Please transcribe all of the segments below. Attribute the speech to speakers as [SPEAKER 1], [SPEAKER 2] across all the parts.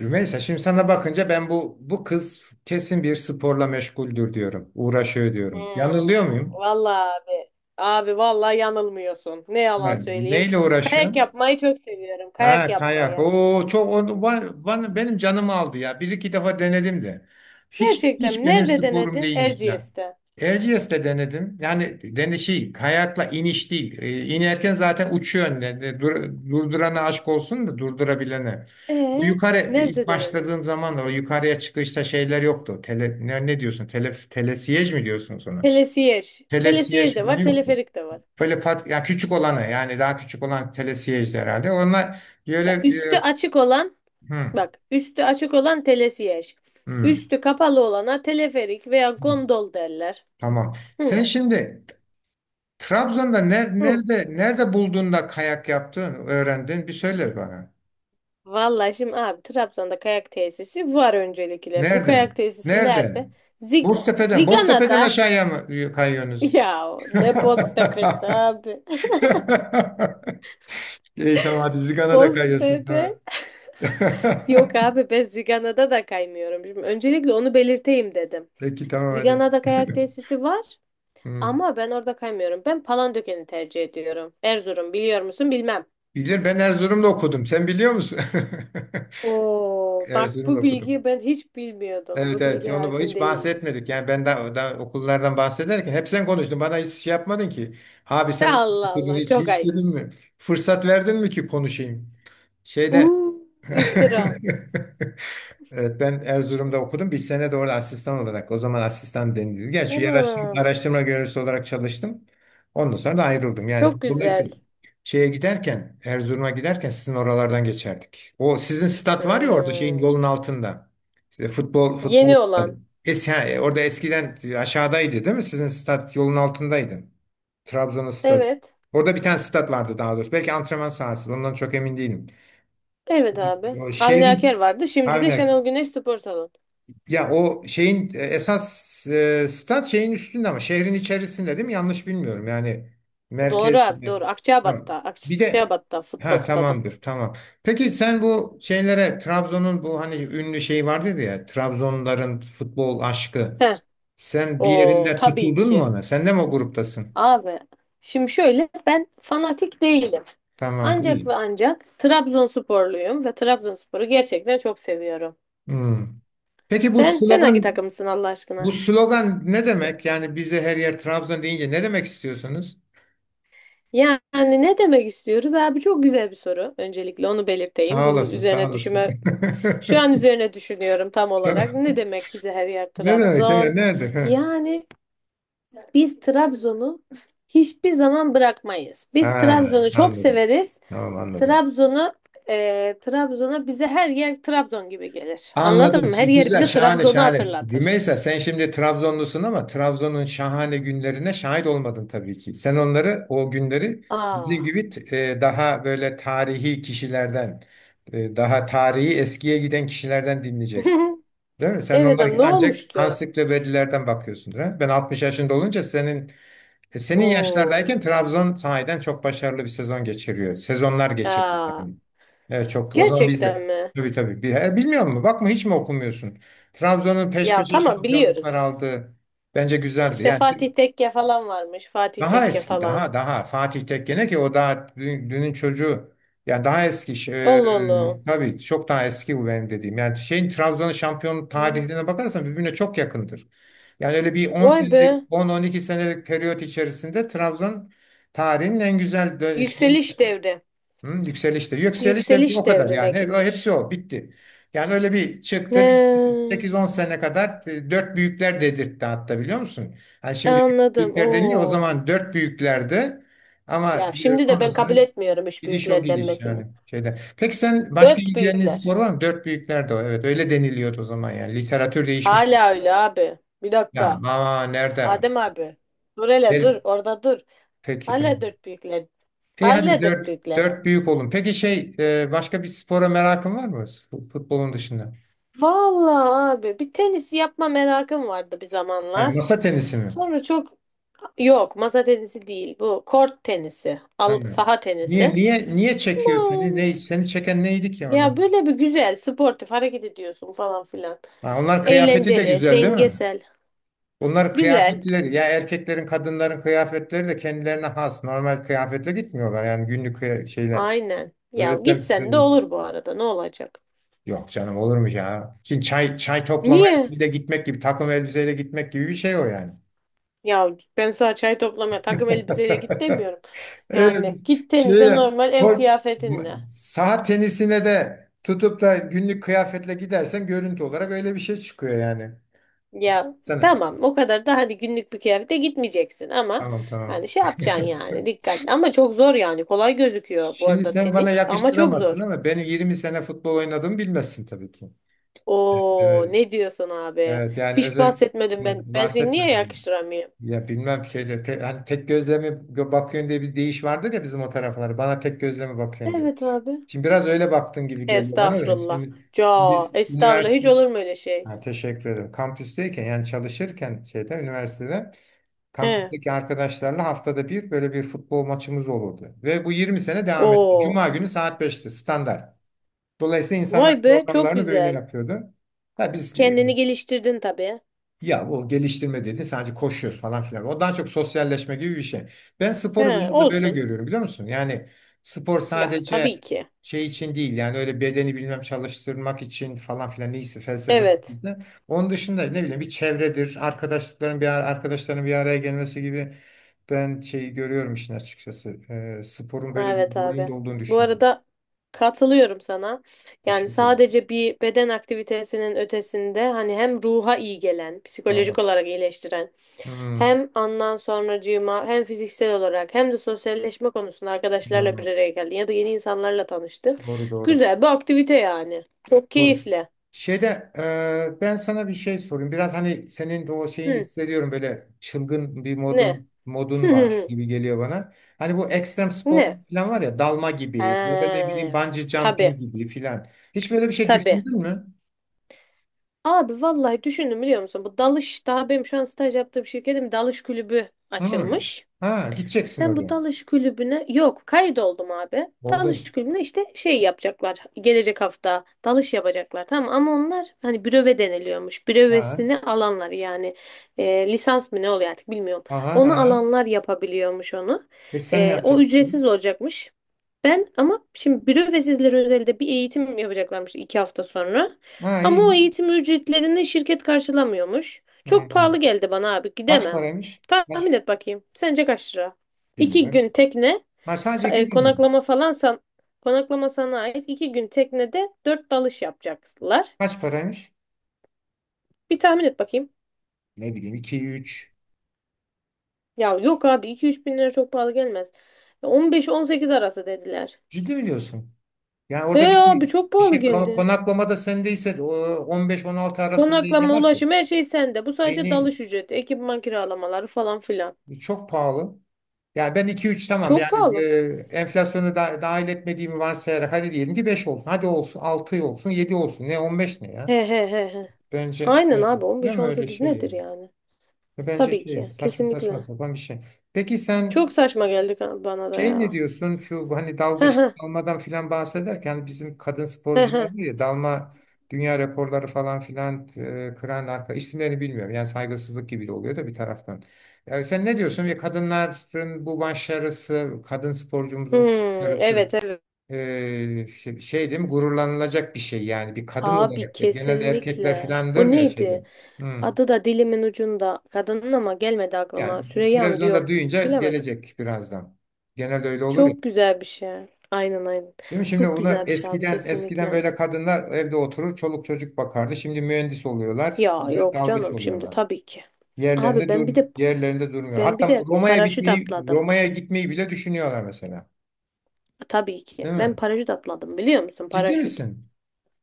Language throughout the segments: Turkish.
[SPEAKER 1] Rümeysa, şimdi sana bakınca ben bu kız kesin bir sporla meşguldür diyorum. Uğraşıyor diyorum.
[SPEAKER 2] Hmm,
[SPEAKER 1] Yanılıyor muyum?
[SPEAKER 2] vallahi abi. Abi vallahi yanılmıyorsun. Ne yalan
[SPEAKER 1] Evet.
[SPEAKER 2] söyleyeyim.
[SPEAKER 1] Neyle uğraşıyor?
[SPEAKER 2] Kayak yapmayı çok seviyorum. Kayak
[SPEAKER 1] Ha, kayak.
[SPEAKER 2] yapmayı.
[SPEAKER 1] O benim canımı aldı ya. Bir iki defa denedim de. Hiç
[SPEAKER 2] Gerçekten
[SPEAKER 1] hiç
[SPEAKER 2] mi?
[SPEAKER 1] benim
[SPEAKER 2] Nerede
[SPEAKER 1] sporum
[SPEAKER 2] denedin?
[SPEAKER 1] değilmiş ya.
[SPEAKER 2] Erciyes'te.
[SPEAKER 1] Erciyes'te denedim. Yani dene şey, kayakla iniş değil. İnerken zaten uçuyor önüne. Dur, durdurana aşk olsun da durdurabilene. Bu
[SPEAKER 2] Ee,
[SPEAKER 1] yukarı
[SPEAKER 2] Nerede
[SPEAKER 1] ilk
[SPEAKER 2] denedin?
[SPEAKER 1] başladığım zaman da o yukarıya çıkışta şeyler yoktu. Tele, ne diyorsun? Telesiyej mi diyorsun sonra?
[SPEAKER 2] Pelesiyej. Pelesiyej
[SPEAKER 1] Telesiyej
[SPEAKER 2] de
[SPEAKER 1] falan
[SPEAKER 2] var,
[SPEAKER 1] yoktu.
[SPEAKER 2] teleferik de var.
[SPEAKER 1] Böyle pat, ya küçük olanı,
[SPEAKER 2] Ee?
[SPEAKER 1] yani daha küçük olan telesiyejdi herhalde. Onlar böyle
[SPEAKER 2] Ya üstü
[SPEAKER 1] e,
[SPEAKER 2] açık olan, bak üstü açık olan telesiyej.
[SPEAKER 1] hı,
[SPEAKER 2] Üstü kapalı olana teleferik veya
[SPEAKER 1] hı.
[SPEAKER 2] gondol derler.
[SPEAKER 1] Tamam. Sen
[SPEAKER 2] Hı,
[SPEAKER 1] şimdi Trabzon'da
[SPEAKER 2] hı.
[SPEAKER 1] nerede bulduğunda kayak yaptın, öğrendin? Bir söyle bana.
[SPEAKER 2] Vallahi şimdi abi Trabzon'da kayak tesisi var öncelikle. Bu kayak
[SPEAKER 1] Nereden?
[SPEAKER 2] tesisi nerede?
[SPEAKER 1] Nereden?
[SPEAKER 2] Zig
[SPEAKER 1] Boztepe'den. Boztepe'den
[SPEAKER 2] Zigana'da.
[SPEAKER 1] aşağıya mı kayıyorsunuz?
[SPEAKER 2] Ya ne Boztepe'si abi.
[SPEAKER 1] İyi, tamam, hadi Zigan'a da kayıyorsun, tamam.
[SPEAKER 2] Boztepe. Yok abi ben Zigana'da da kaymıyorum. Şimdi öncelikle onu belirteyim dedim.
[SPEAKER 1] Peki tamam hadi.
[SPEAKER 2] Zigana'da kayak tesisi var
[SPEAKER 1] Hı.
[SPEAKER 2] ama ben orada kaymıyorum. Ben Palandöken'i tercih ediyorum. Erzurum biliyor musun bilmem.
[SPEAKER 1] Bilir, ben Erzurum'da okudum. Sen biliyor musun?
[SPEAKER 2] Oo bak
[SPEAKER 1] Erzurum'da
[SPEAKER 2] bu
[SPEAKER 1] okudum.
[SPEAKER 2] bilgiyi ben hiç bilmiyordum.
[SPEAKER 1] Evet,
[SPEAKER 2] Bu
[SPEAKER 1] evet,
[SPEAKER 2] bilgiye
[SPEAKER 1] onu
[SPEAKER 2] hakim
[SPEAKER 1] hiç
[SPEAKER 2] değildim.
[SPEAKER 1] bahsetmedik. Yani ben daha, okullardan bahsederken hep sen konuştun. Bana hiç şey yapmadın ki. Abi sen ne
[SPEAKER 2] Allah
[SPEAKER 1] okudun
[SPEAKER 2] Allah
[SPEAKER 1] hiç
[SPEAKER 2] çok
[SPEAKER 1] hiç
[SPEAKER 2] ayıp.
[SPEAKER 1] dedin mi? Fırsat verdin mi ki konuşayım? Şeyde
[SPEAKER 2] Uuu iftira.
[SPEAKER 1] evet, ben Erzurum'da okudum. Bir sene de orada asistan olarak. O zaman asistan deniliyor. Gerçi yer
[SPEAKER 2] Anam.
[SPEAKER 1] araştırma görevlisi olarak çalıştım. Ondan sonra da ayrıldım. Yani
[SPEAKER 2] Çok güzel.
[SPEAKER 1] dolayısıyla şeye giderken, Erzurum'a giderken sizin oralardan geçerdik. O sizin stat var ya orada şeyin,
[SPEAKER 2] Hmm.
[SPEAKER 1] yolun altında. İşte futbol
[SPEAKER 2] Yeni
[SPEAKER 1] stadı.
[SPEAKER 2] olan.
[SPEAKER 1] Ha, orada eskiden aşağıdaydı değil mi? Sizin stat yolun altındaydı. Trabzon'un stadı.
[SPEAKER 2] Evet.
[SPEAKER 1] Orada bir tane stat vardı daha doğrusu. Belki antrenman sahası. Ondan çok emin değilim.
[SPEAKER 2] Evet abi.
[SPEAKER 1] O
[SPEAKER 2] Avni Aker
[SPEAKER 1] şehrin
[SPEAKER 2] vardı. Şimdi de
[SPEAKER 1] aynen,
[SPEAKER 2] Şenol Güneş Spor Salonu.
[SPEAKER 1] ya o şeyin esas stat şeyin üstünde ama şehrin içerisinde değil mi? Yanlış bilmiyorum. Yani
[SPEAKER 2] Doğru
[SPEAKER 1] merkez.
[SPEAKER 2] abi doğru. Akçabat'ta.
[SPEAKER 1] Tamam. Bir de,
[SPEAKER 2] Akçabat'ta futbol
[SPEAKER 1] ha,
[SPEAKER 2] stadı.
[SPEAKER 1] tamamdır. Tamam. Peki sen bu şeylere, Trabzon'un bu hani ünlü şey vardır ya, Trabzonların futbol aşkı.
[SPEAKER 2] Heh.
[SPEAKER 1] Sen bir
[SPEAKER 2] O
[SPEAKER 1] yerinde
[SPEAKER 2] tabii
[SPEAKER 1] tutuldun mu
[SPEAKER 2] ki.
[SPEAKER 1] ona? Sen de mi o gruptasın?
[SPEAKER 2] Abi. Şimdi şöyle ben fanatik değilim.
[SPEAKER 1] Tamam.
[SPEAKER 2] Ancak
[SPEAKER 1] İyi.
[SPEAKER 2] ve ancak Trabzonsporluyum ve Trabzonspor'u gerçekten çok seviyorum.
[SPEAKER 1] Hmm. Peki
[SPEAKER 2] Sen hangi takımsın Allah
[SPEAKER 1] bu
[SPEAKER 2] aşkına?
[SPEAKER 1] slogan ne demek? Yani bize her yer Trabzon deyince ne demek istiyorsunuz?
[SPEAKER 2] Yani ne demek istiyoruz abi? Çok güzel bir soru. Öncelikle onu belirteyim.
[SPEAKER 1] Sağ
[SPEAKER 2] Bunun
[SPEAKER 1] olasın, sağ
[SPEAKER 2] üzerine
[SPEAKER 1] olasın.
[SPEAKER 2] düşünme, şu an üzerine düşünüyorum tam olarak. Ne demek bize her yer
[SPEAKER 1] Ne demek ya?
[SPEAKER 2] Trabzon?
[SPEAKER 1] Nerede? Ha.
[SPEAKER 2] Yani biz Trabzon'u hiçbir zaman bırakmayız. Biz
[SPEAKER 1] Ha,
[SPEAKER 2] Trabzon'u çok
[SPEAKER 1] anladım.
[SPEAKER 2] severiz.
[SPEAKER 1] Tamam, anladım.
[SPEAKER 2] Trabzon'u Trabzon'a bize her yer Trabzon gibi gelir.
[SPEAKER 1] Anladım.
[SPEAKER 2] Anladın mı? Her yer
[SPEAKER 1] Güzel,
[SPEAKER 2] bize
[SPEAKER 1] şahane,
[SPEAKER 2] Trabzon'u
[SPEAKER 1] şahane.
[SPEAKER 2] hatırlatır.
[SPEAKER 1] Rümeysa, sen şimdi Trabzonlusun ama Trabzon'un şahane günlerine şahit olmadın tabii ki. Sen onları, o günleri bizim
[SPEAKER 2] Aa.
[SPEAKER 1] gibi daha böyle tarihi kişilerden, daha tarihi eskiye giden kişilerden dinleyeceksin. Değil mi? Sen
[SPEAKER 2] Evet
[SPEAKER 1] onları
[SPEAKER 2] am ne
[SPEAKER 1] ancak
[SPEAKER 2] olmuştu?
[SPEAKER 1] ansiklopedilerden bakıyorsundur. Ha? Ben 60 yaşında olunca senin senin
[SPEAKER 2] Oo.
[SPEAKER 1] yaşlardayken Trabzon sahiden çok başarılı bir sezon geçiriyor. Sezonlar geçiriyor
[SPEAKER 2] Aa.
[SPEAKER 1] yani. Evet, çok. O zaman biz
[SPEAKER 2] Gerçekten
[SPEAKER 1] de.
[SPEAKER 2] mi?
[SPEAKER 1] Tabii, tabii. Bilmiyor musun? Bakma, hiç mi okumuyorsun? Trabzon'un peş
[SPEAKER 2] Ya
[SPEAKER 1] peşe
[SPEAKER 2] tamam
[SPEAKER 1] şampiyonluklar
[SPEAKER 2] biliyoruz.
[SPEAKER 1] aldığı bence güzeldi.
[SPEAKER 2] İşte
[SPEAKER 1] Yani
[SPEAKER 2] Fatih Tekke falan varmış. Fatih
[SPEAKER 1] daha
[SPEAKER 2] Tekke
[SPEAKER 1] eski,
[SPEAKER 2] falan.
[SPEAKER 1] daha Fatih Tekkene ki, o daha dünün çocuğu. Yani daha eski
[SPEAKER 2] Allah Allah.
[SPEAKER 1] tabii çok daha eski bu benim dediğim. Yani şeyin, Trabzon'un şampiyon
[SPEAKER 2] Hmm.
[SPEAKER 1] tarihine bakarsan birbirine çok yakındır. Yani öyle bir 10
[SPEAKER 2] Vay
[SPEAKER 1] senelik,
[SPEAKER 2] be.
[SPEAKER 1] 10-12 senelik periyot içerisinde Trabzon tarihinin en güzel şeyini.
[SPEAKER 2] Yükseliş devri.
[SPEAKER 1] Hı, yükselişte. Yükseliş ve bir o
[SPEAKER 2] Yükseliş
[SPEAKER 1] kadar
[SPEAKER 2] devrine
[SPEAKER 1] yani. Hepsi
[SPEAKER 2] girmiş.
[SPEAKER 1] o. Bitti. Yani öyle bir çıktı. Bir
[SPEAKER 2] He,
[SPEAKER 1] 8-10 sene kadar dört büyükler dedirtti, hatta biliyor musun? Yani şimdi
[SPEAKER 2] anladım.
[SPEAKER 1] büyükler deniliyor. O
[SPEAKER 2] Oo.
[SPEAKER 1] zaman dört büyüklerdi. Ama
[SPEAKER 2] Ya şimdi de
[SPEAKER 1] ondan
[SPEAKER 2] ben
[SPEAKER 1] sonra
[SPEAKER 2] kabul etmiyorum üç
[SPEAKER 1] gidiş o
[SPEAKER 2] büyükler
[SPEAKER 1] gidiş
[SPEAKER 2] denmesini.
[SPEAKER 1] yani şeyde. Peki sen başka
[SPEAKER 2] Dört
[SPEAKER 1] ilgilendiğin
[SPEAKER 2] büyükler.
[SPEAKER 1] spor var mı? Dört büyükler de o. Evet, öyle deniliyordu o zaman yani. Literatür değişmiş.
[SPEAKER 2] Hala öyle abi. Bir
[SPEAKER 1] Ya
[SPEAKER 2] dakika.
[SPEAKER 1] ama nerede?
[SPEAKER 2] Adem abi. Dur hele
[SPEAKER 1] Gel.
[SPEAKER 2] dur. Orada dur.
[SPEAKER 1] Peki tamam.
[SPEAKER 2] Hala dört büyükler.
[SPEAKER 1] İyi, hadi
[SPEAKER 2] Hala dört büyükler.
[SPEAKER 1] dört büyük olun. Peki şey, başka bir spora merakın var mı? Futbolun dışında.
[SPEAKER 2] Vallahi abi bir tenis yapma merakım vardı bir
[SPEAKER 1] Hani
[SPEAKER 2] zamanlar.
[SPEAKER 1] masa tenisi mi?
[SPEAKER 2] Sonra çok yok masa tenisi değil bu kort tenisi al,
[SPEAKER 1] Aynen.
[SPEAKER 2] saha
[SPEAKER 1] Niye
[SPEAKER 2] tenisi
[SPEAKER 1] niye niye çekiyor seni? Ne,
[SPEAKER 2] aman
[SPEAKER 1] seni çeken neydi ki orada?
[SPEAKER 2] ya böyle bir güzel sportif hareket ediyorsun falan filan
[SPEAKER 1] Ha, onlar kıyafeti de
[SPEAKER 2] eğlenceli
[SPEAKER 1] güzel değil mi?
[SPEAKER 2] dengesel
[SPEAKER 1] Onlar
[SPEAKER 2] güzel
[SPEAKER 1] kıyafetleri, ya erkeklerin, kadınların kıyafetleri de kendilerine has, normal kıyafetle gitmiyorlar yani, günlük şeyle.
[SPEAKER 2] aynen ya
[SPEAKER 1] Özel,
[SPEAKER 2] gitsen de
[SPEAKER 1] özel.
[SPEAKER 2] olur bu arada ne olacak
[SPEAKER 1] Yok canım, olur mu ya? Şimdi çay toplamaya
[SPEAKER 2] niye
[SPEAKER 1] bir de gitmek gibi, takım elbiseyle gitmek gibi bir şey o yani.
[SPEAKER 2] ya ben sana çay toplamaya takım elbiseyle git demiyorum
[SPEAKER 1] Evet,
[SPEAKER 2] yani git
[SPEAKER 1] şey,
[SPEAKER 2] tenise normal ev
[SPEAKER 1] bu,
[SPEAKER 2] kıyafetinle.
[SPEAKER 1] saha tenisine de tutup da günlük kıyafetle gidersen görüntü olarak öyle bir şey çıkıyor yani.
[SPEAKER 2] Ya
[SPEAKER 1] Sana.
[SPEAKER 2] tamam o kadar da hadi günlük bir kıyafete gitmeyeceksin ama
[SPEAKER 1] Tamam, tamam.
[SPEAKER 2] hani şey yapacaksın yani dikkatli ama çok zor yani kolay gözüküyor bu
[SPEAKER 1] Şimdi
[SPEAKER 2] arada
[SPEAKER 1] sen bana
[SPEAKER 2] tenis ama çok
[SPEAKER 1] yakıştıramazsın
[SPEAKER 2] zor.
[SPEAKER 1] ama beni 20 sene futbol oynadığımı bilmezsin tabii ki.
[SPEAKER 2] Oo
[SPEAKER 1] Evet,
[SPEAKER 2] ne diyorsun abi?
[SPEAKER 1] evet, yani
[SPEAKER 2] Hiç
[SPEAKER 1] özel
[SPEAKER 2] bahsetmedim ben. Ben seni niye
[SPEAKER 1] bahsetmedim.
[SPEAKER 2] yakıştıramıyorum?
[SPEAKER 1] Ya bilmem şeyde, te, hani tek gözle mi gö- bakıyorsun diye bir deyiş vardır ya bizim o taraflara. Bana tek gözle mi bakıyorsun diyor.
[SPEAKER 2] Evet abi.
[SPEAKER 1] Şimdi biraz öyle baktığın gibi geliyor bana da.
[SPEAKER 2] Estağfurullah.
[SPEAKER 1] Şimdi
[SPEAKER 2] Ca,
[SPEAKER 1] biz
[SPEAKER 2] Estağfurullah hiç
[SPEAKER 1] üniversite.
[SPEAKER 2] olur mu öyle şey?
[SPEAKER 1] Ha, teşekkür ederim. Kampüsteyken, yani çalışırken şeyde, üniversitede
[SPEAKER 2] He.
[SPEAKER 1] kampüsteki arkadaşlarla haftada bir böyle bir futbol maçımız olurdu. Ve bu 20 sene devam etti.
[SPEAKER 2] Oo.
[SPEAKER 1] Cuma günü saat beşti standart. Dolayısıyla insanlar
[SPEAKER 2] Vay be çok
[SPEAKER 1] programlarını böyle
[SPEAKER 2] güzel.
[SPEAKER 1] yapıyordu. Da biz,
[SPEAKER 2] Kendini geliştirdin tabii.
[SPEAKER 1] ya bu geliştirme dedi, sadece koşuyoruz falan filan. O daha çok sosyalleşme gibi bir şey. Ben sporu
[SPEAKER 2] He,
[SPEAKER 1] biraz da böyle
[SPEAKER 2] olsun.
[SPEAKER 1] görüyorum biliyor musun? Yani spor
[SPEAKER 2] Ya
[SPEAKER 1] sadece
[SPEAKER 2] tabii ki.
[SPEAKER 1] şey için değil yani, öyle bedeni bilmem çalıştırmak için falan filan, neyse felsefesi.
[SPEAKER 2] Evet.
[SPEAKER 1] De. Onun dışında ne bileyim, bir çevredir, arkadaşlıkların bir arkadaşların bir araya gelmesi gibi ben şeyi görüyorum işin açıkçası. Sporun böyle bir
[SPEAKER 2] Evet
[SPEAKER 1] rolünde
[SPEAKER 2] abi.
[SPEAKER 1] olduğunu
[SPEAKER 2] Bu
[SPEAKER 1] düşünüyorum.
[SPEAKER 2] arada katılıyorum sana. Yani
[SPEAKER 1] Teşekkür ederim.
[SPEAKER 2] sadece bir beden aktivitesinin ötesinde hani hem ruha iyi gelen, psikolojik
[SPEAKER 1] Doğru.
[SPEAKER 2] olarak iyileştiren,
[SPEAKER 1] Hmm,
[SPEAKER 2] hem andan sonracığıma hem fiziksel olarak hem de sosyalleşme konusunda arkadaşlarla
[SPEAKER 1] hmm.
[SPEAKER 2] bir araya geldin ya da yeni insanlarla tanıştın.
[SPEAKER 1] Doğru, doğru.
[SPEAKER 2] Güzel bir aktivite yani. Çok
[SPEAKER 1] Doğru.
[SPEAKER 2] keyifli.
[SPEAKER 1] Şeyde, ben sana bir şey sorayım. Biraz hani senin de o şeyini
[SPEAKER 2] Hı,
[SPEAKER 1] hissediyorum, böyle çılgın bir
[SPEAKER 2] ne?
[SPEAKER 1] modun var gibi geliyor bana. Hani bu ekstrem spor
[SPEAKER 2] Ne?
[SPEAKER 1] falan var ya, dalma gibi ya da ne bileyim
[SPEAKER 2] He,
[SPEAKER 1] bungee
[SPEAKER 2] tabii.
[SPEAKER 1] jumping gibi falan. Hiç böyle bir şey
[SPEAKER 2] Tabii.
[SPEAKER 1] düşündün mü?
[SPEAKER 2] Abi vallahi düşündüm biliyor musun? Bu dalış daha benim şu an staj yaptığım şirketim dalış kulübü
[SPEAKER 1] Hı.
[SPEAKER 2] açılmış.
[SPEAKER 1] Ha, gideceksin
[SPEAKER 2] Ben bu
[SPEAKER 1] oraya.
[SPEAKER 2] dalış kulübüne yok kaydoldum abi.
[SPEAKER 1] Oldun.
[SPEAKER 2] Dalış kulübüne işte şey yapacaklar. Gelecek hafta dalış yapacaklar tamam ama onlar hani büröve deniliyormuş.
[SPEAKER 1] Ha.
[SPEAKER 2] Bürövesini alanlar yani, lisans mı ne oluyor artık bilmiyorum.
[SPEAKER 1] Aha,
[SPEAKER 2] Onu
[SPEAKER 1] aha.
[SPEAKER 2] alanlar yapabiliyormuş onu.
[SPEAKER 1] E, sen ne
[SPEAKER 2] E, o ücretsiz
[SPEAKER 1] yapacaksın?
[SPEAKER 2] olacakmış. Ben ama şimdi büro ve sizlere özelde bir eğitim yapacaklarmış 2 hafta sonra.
[SPEAKER 1] Ha,
[SPEAKER 2] Ama o
[SPEAKER 1] iyi.
[SPEAKER 2] eğitim ücretlerini şirket karşılamıyormuş.
[SPEAKER 1] Hı
[SPEAKER 2] Çok
[SPEAKER 1] hı.
[SPEAKER 2] pahalı geldi bana abi
[SPEAKER 1] Kaç
[SPEAKER 2] gidemem.
[SPEAKER 1] paraymış? Kaç?
[SPEAKER 2] Tahmin et bakayım. Sence kaç lira? İki
[SPEAKER 1] Bilmiyorum.
[SPEAKER 2] gün tekne,
[SPEAKER 1] Ha, sadece iki gün mü?
[SPEAKER 2] konaklama falan, konaklama sana ait. 2 gün teknede dört dalış yapacaklar.
[SPEAKER 1] Kaç paraymış?
[SPEAKER 2] Bir tahmin et bakayım.
[SPEAKER 1] Ne bileyim, iki üç.
[SPEAKER 2] Ya yok abi iki üç bin lira çok pahalı gelmez. 15-18 arası dediler.
[SPEAKER 1] Ciddi mi diyorsun? Yani
[SPEAKER 2] He
[SPEAKER 1] orada bir
[SPEAKER 2] abi
[SPEAKER 1] şey,
[SPEAKER 2] çok pahalı geldi.
[SPEAKER 1] konaklama da sendeyse de, o 15-16 arasında ne
[SPEAKER 2] Konaklama,
[SPEAKER 1] var ki?
[SPEAKER 2] ulaşım her şey sende. Bu sadece
[SPEAKER 1] Beyni
[SPEAKER 2] dalış ücreti, ekipman kiralamaları falan filan.
[SPEAKER 1] çok pahalı. Yani ben iki üç tamam
[SPEAKER 2] Çok
[SPEAKER 1] yani,
[SPEAKER 2] pahalı.
[SPEAKER 1] enflasyonu da dahil etmediğimi varsayarak, hadi diyelim ki 5 olsun. Hadi olsun 6 olsun, 7 olsun. Ne 15, ne ya?
[SPEAKER 2] He he he he.
[SPEAKER 1] Bence,
[SPEAKER 2] Aynen
[SPEAKER 1] bence
[SPEAKER 2] abi
[SPEAKER 1] değil mi, öyle
[SPEAKER 2] 15-18
[SPEAKER 1] şey
[SPEAKER 2] nedir
[SPEAKER 1] yani?
[SPEAKER 2] yani?
[SPEAKER 1] Bence
[SPEAKER 2] Tabii
[SPEAKER 1] şey,
[SPEAKER 2] ki.
[SPEAKER 1] saçma
[SPEAKER 2] Kesinlikle.
[SPEAKER 1] sapan bir şey. Peki sen,
[SPEAKER 2] Çok saçma geldi bana da
[SPEAKER 1] şey, ne
[SPEAKER 2] ya.
[SPEAKER 1] diyorsun, şu hani
[SPEAKER 2] He
[SPEAKER 1] dalgıç
[SPEAKER 2] he
[SPEAKER 1] dalmadan filan bahsederken, bizim kadın
[SPEAKER 2] he
[SPEAKER 1] sporcular
[SPEAKER 2] he.
[SPEAKER 1] var ya, dalma dünya rekorları falan filan, kıran arka isimlerini bilmiyorum. Yani saygısızlık gibi de oluyor da bir taraftan. Yani sen ne diyorsun, ve kadınların bu başarısı, kadın sporcumuzun
[SPEAKER 2] Hmm,
[SPEAKER 1] başarısı
[SPEAKER 2] evet evet.
[SPEAKER 1] değil mi gururlanılacak bir şey yani, bir kadın
[SPEAKER 2] Abi
[SPEAKER 1] olarak da genelde erkekler
[SPEAKER 2] kesinlikle. O
[SPEAKER 1] filandır ya
[SPEAKER 2] neydi?
[SPEAKER 1] şeyler. Hmm.
[SPEAKER 2] Adı da dilimin ucunda. Kadının ama gelmedi aklıma.
[SPEAKER 1] Yani bir,
[SPEAKER 2] Süreyya mı diyor.
[SPEAKER 1] televizyonda duyunca
[SPEAKER 2] Bilemedim.
[SPEAKER 1] gelecek birazdan. Genelde öyle olur ya.
[SPEAKER 2] Çok güzel bir şey. Aynen aynen.
[SPEAKER 1] Değil mi? Şimdi
[SPEAKER 2] Çok
[SPEAKER 1] bunu
[SPEAKER 2] güzel bir şey abi
[SPEAKER 1] eskiden
[SPEAKER 2] kesinlikle.
[SPEAKER 1] böyle kadınlar evde oturur, çoluk çocuk bakardı. Şimdi mühendis oluyorlar,
[SPEAKER 2] Ya
[SPEAKER 1] bir de
[SPEAKER 2] yok
[SPEAKER 1] dalgıç
[SPEAKER 2] canım şimdi
[SPEAKER 1] oluyorlar.
[SPEAKER 2] tabii ki. Abi
[SPEAKER 1] Yerlerinde
[SPEAKER 2] ben bir
[SPEAKER 1] dur
[SPEAKER 2] de
[SPEAKER 1] yerlerinde durmuyor.
[SPEAKER 2] ben bir
[SPEAKER 1] Hatta bu
[SPEAKER 2] de paraşüt atladım.
[SPEAKER 1] Roma'ya gitmeyi bile düşünüyorlar mesela.
[SPEAKER 2] Tabii
[SPEAKER 1] Değil
[SPEAKER 2] ki. Ben
[SPEAKER 1] mi?
[SPEAKER 2] paraşüt atladım biliyor musun?
[SPEAKER 1] Ciddi
[SPEAKER 2] Paraşüt.
[SPEAKER 1] misin?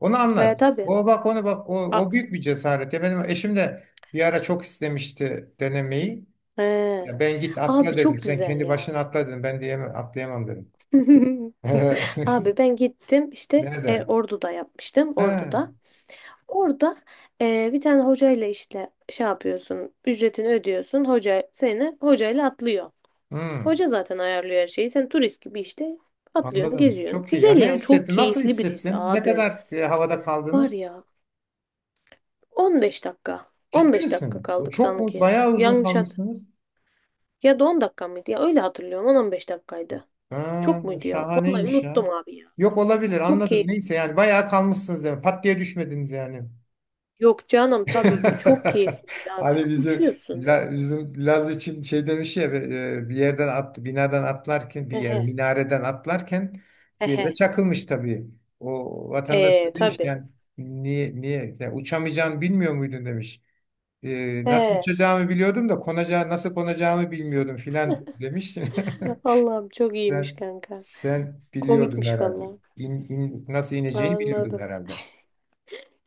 [SPEAKER 1] Onu
[SPEAKER 2] Ve
[SPEAKER 1] anlat.
[SPEAKER 2] tabii.
[SPEAKER 1] O bak, onu bak,
[SPEAKER 2] A-
[SPEAKER 1] o büyük bir cesaret. Ya benim eşim de bir ara çok istemişti denemeyi.
[SPEAKER 2] He.
[SPEAKER 1] Ya ben, git
[SPEAKER 2] Abi
[SPEAKER 1] atla dedim.
[SPEAKER 2] çok
[SPEAKER 1] Sen
[SPEAKER 2] güzel
[SPEAKER 1] kendi başına
[SPEAKER 2] ya.
[SPEAKER 1] atla dedim. Ben diyemem, atlayamam dedim.
[SPEAKER 2] Abi ben gittim işte,
[SPEAKER 1] Nerede?
[SPEAKER 2] Ordu'da yapmıştım
[SPEAKER 1] Ha.
[SPEAKER 2] Ordu'da. Orada bir tane hocayla işte şey yapıyorsun ücretini ödüyorsun hoca seni hocayla atlıyor.
[SPEAKER 1] Hmm.
[SPEAKER 2] Hoca zaten ayarlıyor her şeyi sen turist gibi işte atlıyorsun
[SPEAKER 1] Anladım.
[SPEAKER 2] geziyorsun.
[SPEAKER 1] Çok iyi ya.
[SPEAKER 2] Güzel
[SPEAKER 1] Ne
[SPEAKER 2] yani çok
[SPEAKER 1] hissettin? Nasıl
[SPEAKER 2] keyifli bir his
[SPEAKER 1] hissettin? Ne
[SPEAKER 2] abi.
[SPEAKER 1] kadar havada
[SPEAKER 2] Var
[SPEAKER 1] kaldınız?
[SPEAKER 2] ya 15 dakika.
[SPEAKER 1] Ciddi
[SPEAKER 2] 15 dakika
[SPEAKER 1] misin? Bu
[SPEAKER 2] kaldık
[SPEAKER 1] çok mu?
[SPEAKER 2] sanki.
[SPEAKER 1] Bayağı uzun
[SPEAKER 2] Yanlış hat.
[SPEAKER 1] kalmışsınız.
[SPEAKER 2] Ya da 10 dakika mıydı? Ya öyle hatırlıyorum. 10-15 dakikaydı.
[SPEAKER 1] Ha,
[SPEAKER 2] Çok muydu ya? Vallahi
[SPEAKER 1] şahaneymiş ya.
[SPEAKER 2] unuttum abi ya.
[SPEAKER 1] Yok, olabilir,
[SPEAKER 2] Çok
[SPEAKER 1] anladım.
[SPEAKER 2] keyif.
[SPEAKER 1] Neyse, yani bayağı kalmışsınız demek. Pat diye düşmediniz yani.
[SPEAKER 2] Yok canım tabii ki. Çok keyifliydi abi
[SPEAKER 1] Hani
[SPEAKER 2] ya.
[SPEAKER 1] bizim,
[SPEAKER 2] Uçuyorsun resmen.
[SPEAKER 1] Bizim Laz için şey demiş ya, bir yerden attı, binadan atlarken, bir yer
[SPEAKER 2] Ehe.
[SPEAKER 1] minareden atlarken diye de
[SPEAKER 2] Ehe.
[SPEAKER 1] çakılmış tabii. O vatandaş
[SPEAKER 2] Eee
[SPEAKER 1] da demiş
[SPEAKER 2] tabii.
[SPEAKER 1] yani, niye yani uçamayacağını bilmiyor muydun demiş. Nasıl
[SPEAKER 2] He.
[SPEAKER 1] uçacağımı biliyordum da konacağı, nasıl konacağımı bilmiyordum filan demiştin.
[SPEAKER 2] Allah'ım çok iyiymiş
[SPEAKER 1] Sen,
[SPEAKER 2] kanka.
[SPEAKER 1] sen biliyordun
[SPEAKER 2] Komikmiş
[SPEAKER 1] herhalde.
[SPEAKER 2] vallahi.
[SPEAKER 1] Nasıl ineceğini biliyordun
[SPEAKER 2] Anladım.
[SPEAKER 1] herhalde.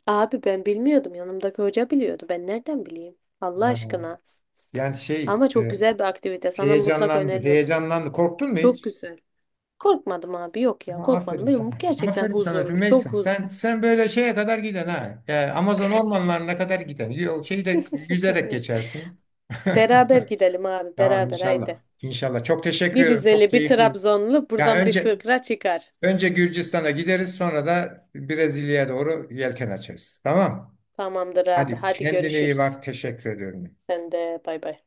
[SPEAKER 2] Abi ben bilmiyordum. Yanımdaki hoca biliyordu. Ben nereden bileyim? Allah
[SPEAKER 1] Ha.
[SPEAKER 2] aşkına.
[SPEAKER 1] Yani şey,
[SPEAKER 2] Ama çok güzel bir aktivite. Sana mutlaka öneririm.
[SPEAKER 1] heyecanlandı. Korktun mu
[SPEAKER 2] Çok
[SPEAKER 1] hiç?
[SPEAKER 2] güzel. Korkmadım abi yok ya
[SPEAKER 1] Ha, aferin
[SPEAKER 2] korkmadım. Benim
[SPEAKER 1] sana.
[SPEAKER 2] bu gerçekten
[SPEAKER 1] Aferin sana
[SPEAKER 2] huzurlu. Çok
[SPEAKER 1] Rümeysa.
[SPEAKER 2] huz
[SPEAKER 1] Sen böyle şeye kadar giden, ha. E, Amazon ormanlarına kadar giden. Yok, şeyde yüzerek geçersin.
[SPEAKER 2] Beraber gidelim abi
[SPEAKER 1] Tamam,
[SPEAKER 2] beraber
[SPEAKER 1] inşallah.
[SPEAKER 2] haydi.
[SPEAKER 1] İnşallah. Çok teşekkür
[SPEAKER 2] Bir
[SPEAKER 1] ederim. Çok
[SPEAKER 2] Rizeli bir
[SPEAKER 1] keyifli.
[SPEAKER 2] Trabzonlu
[SPEAKER 1] Ya
[SPEAKER 2] buradan bir
[SPEAKER 1] önce
[SPEAKER 2] fıkra çıkar.
[SPEAKER 1] Önce Gürcistan'a gideriz, sonra da Brezilya'ya doğru yelken açarız. Tamam.
[SPEAKER 2] Tamamdır abi
[SPEAKER 1] Hadi,
[SPEAKER 2] hadi
[SPEAKER 1] kendine iyi
[SPEAKER 2] görüşürüz.
[SPEAKER 1] bak. Teşekkür ediyorum.
[SPEAKER 2] Sen de bay bay.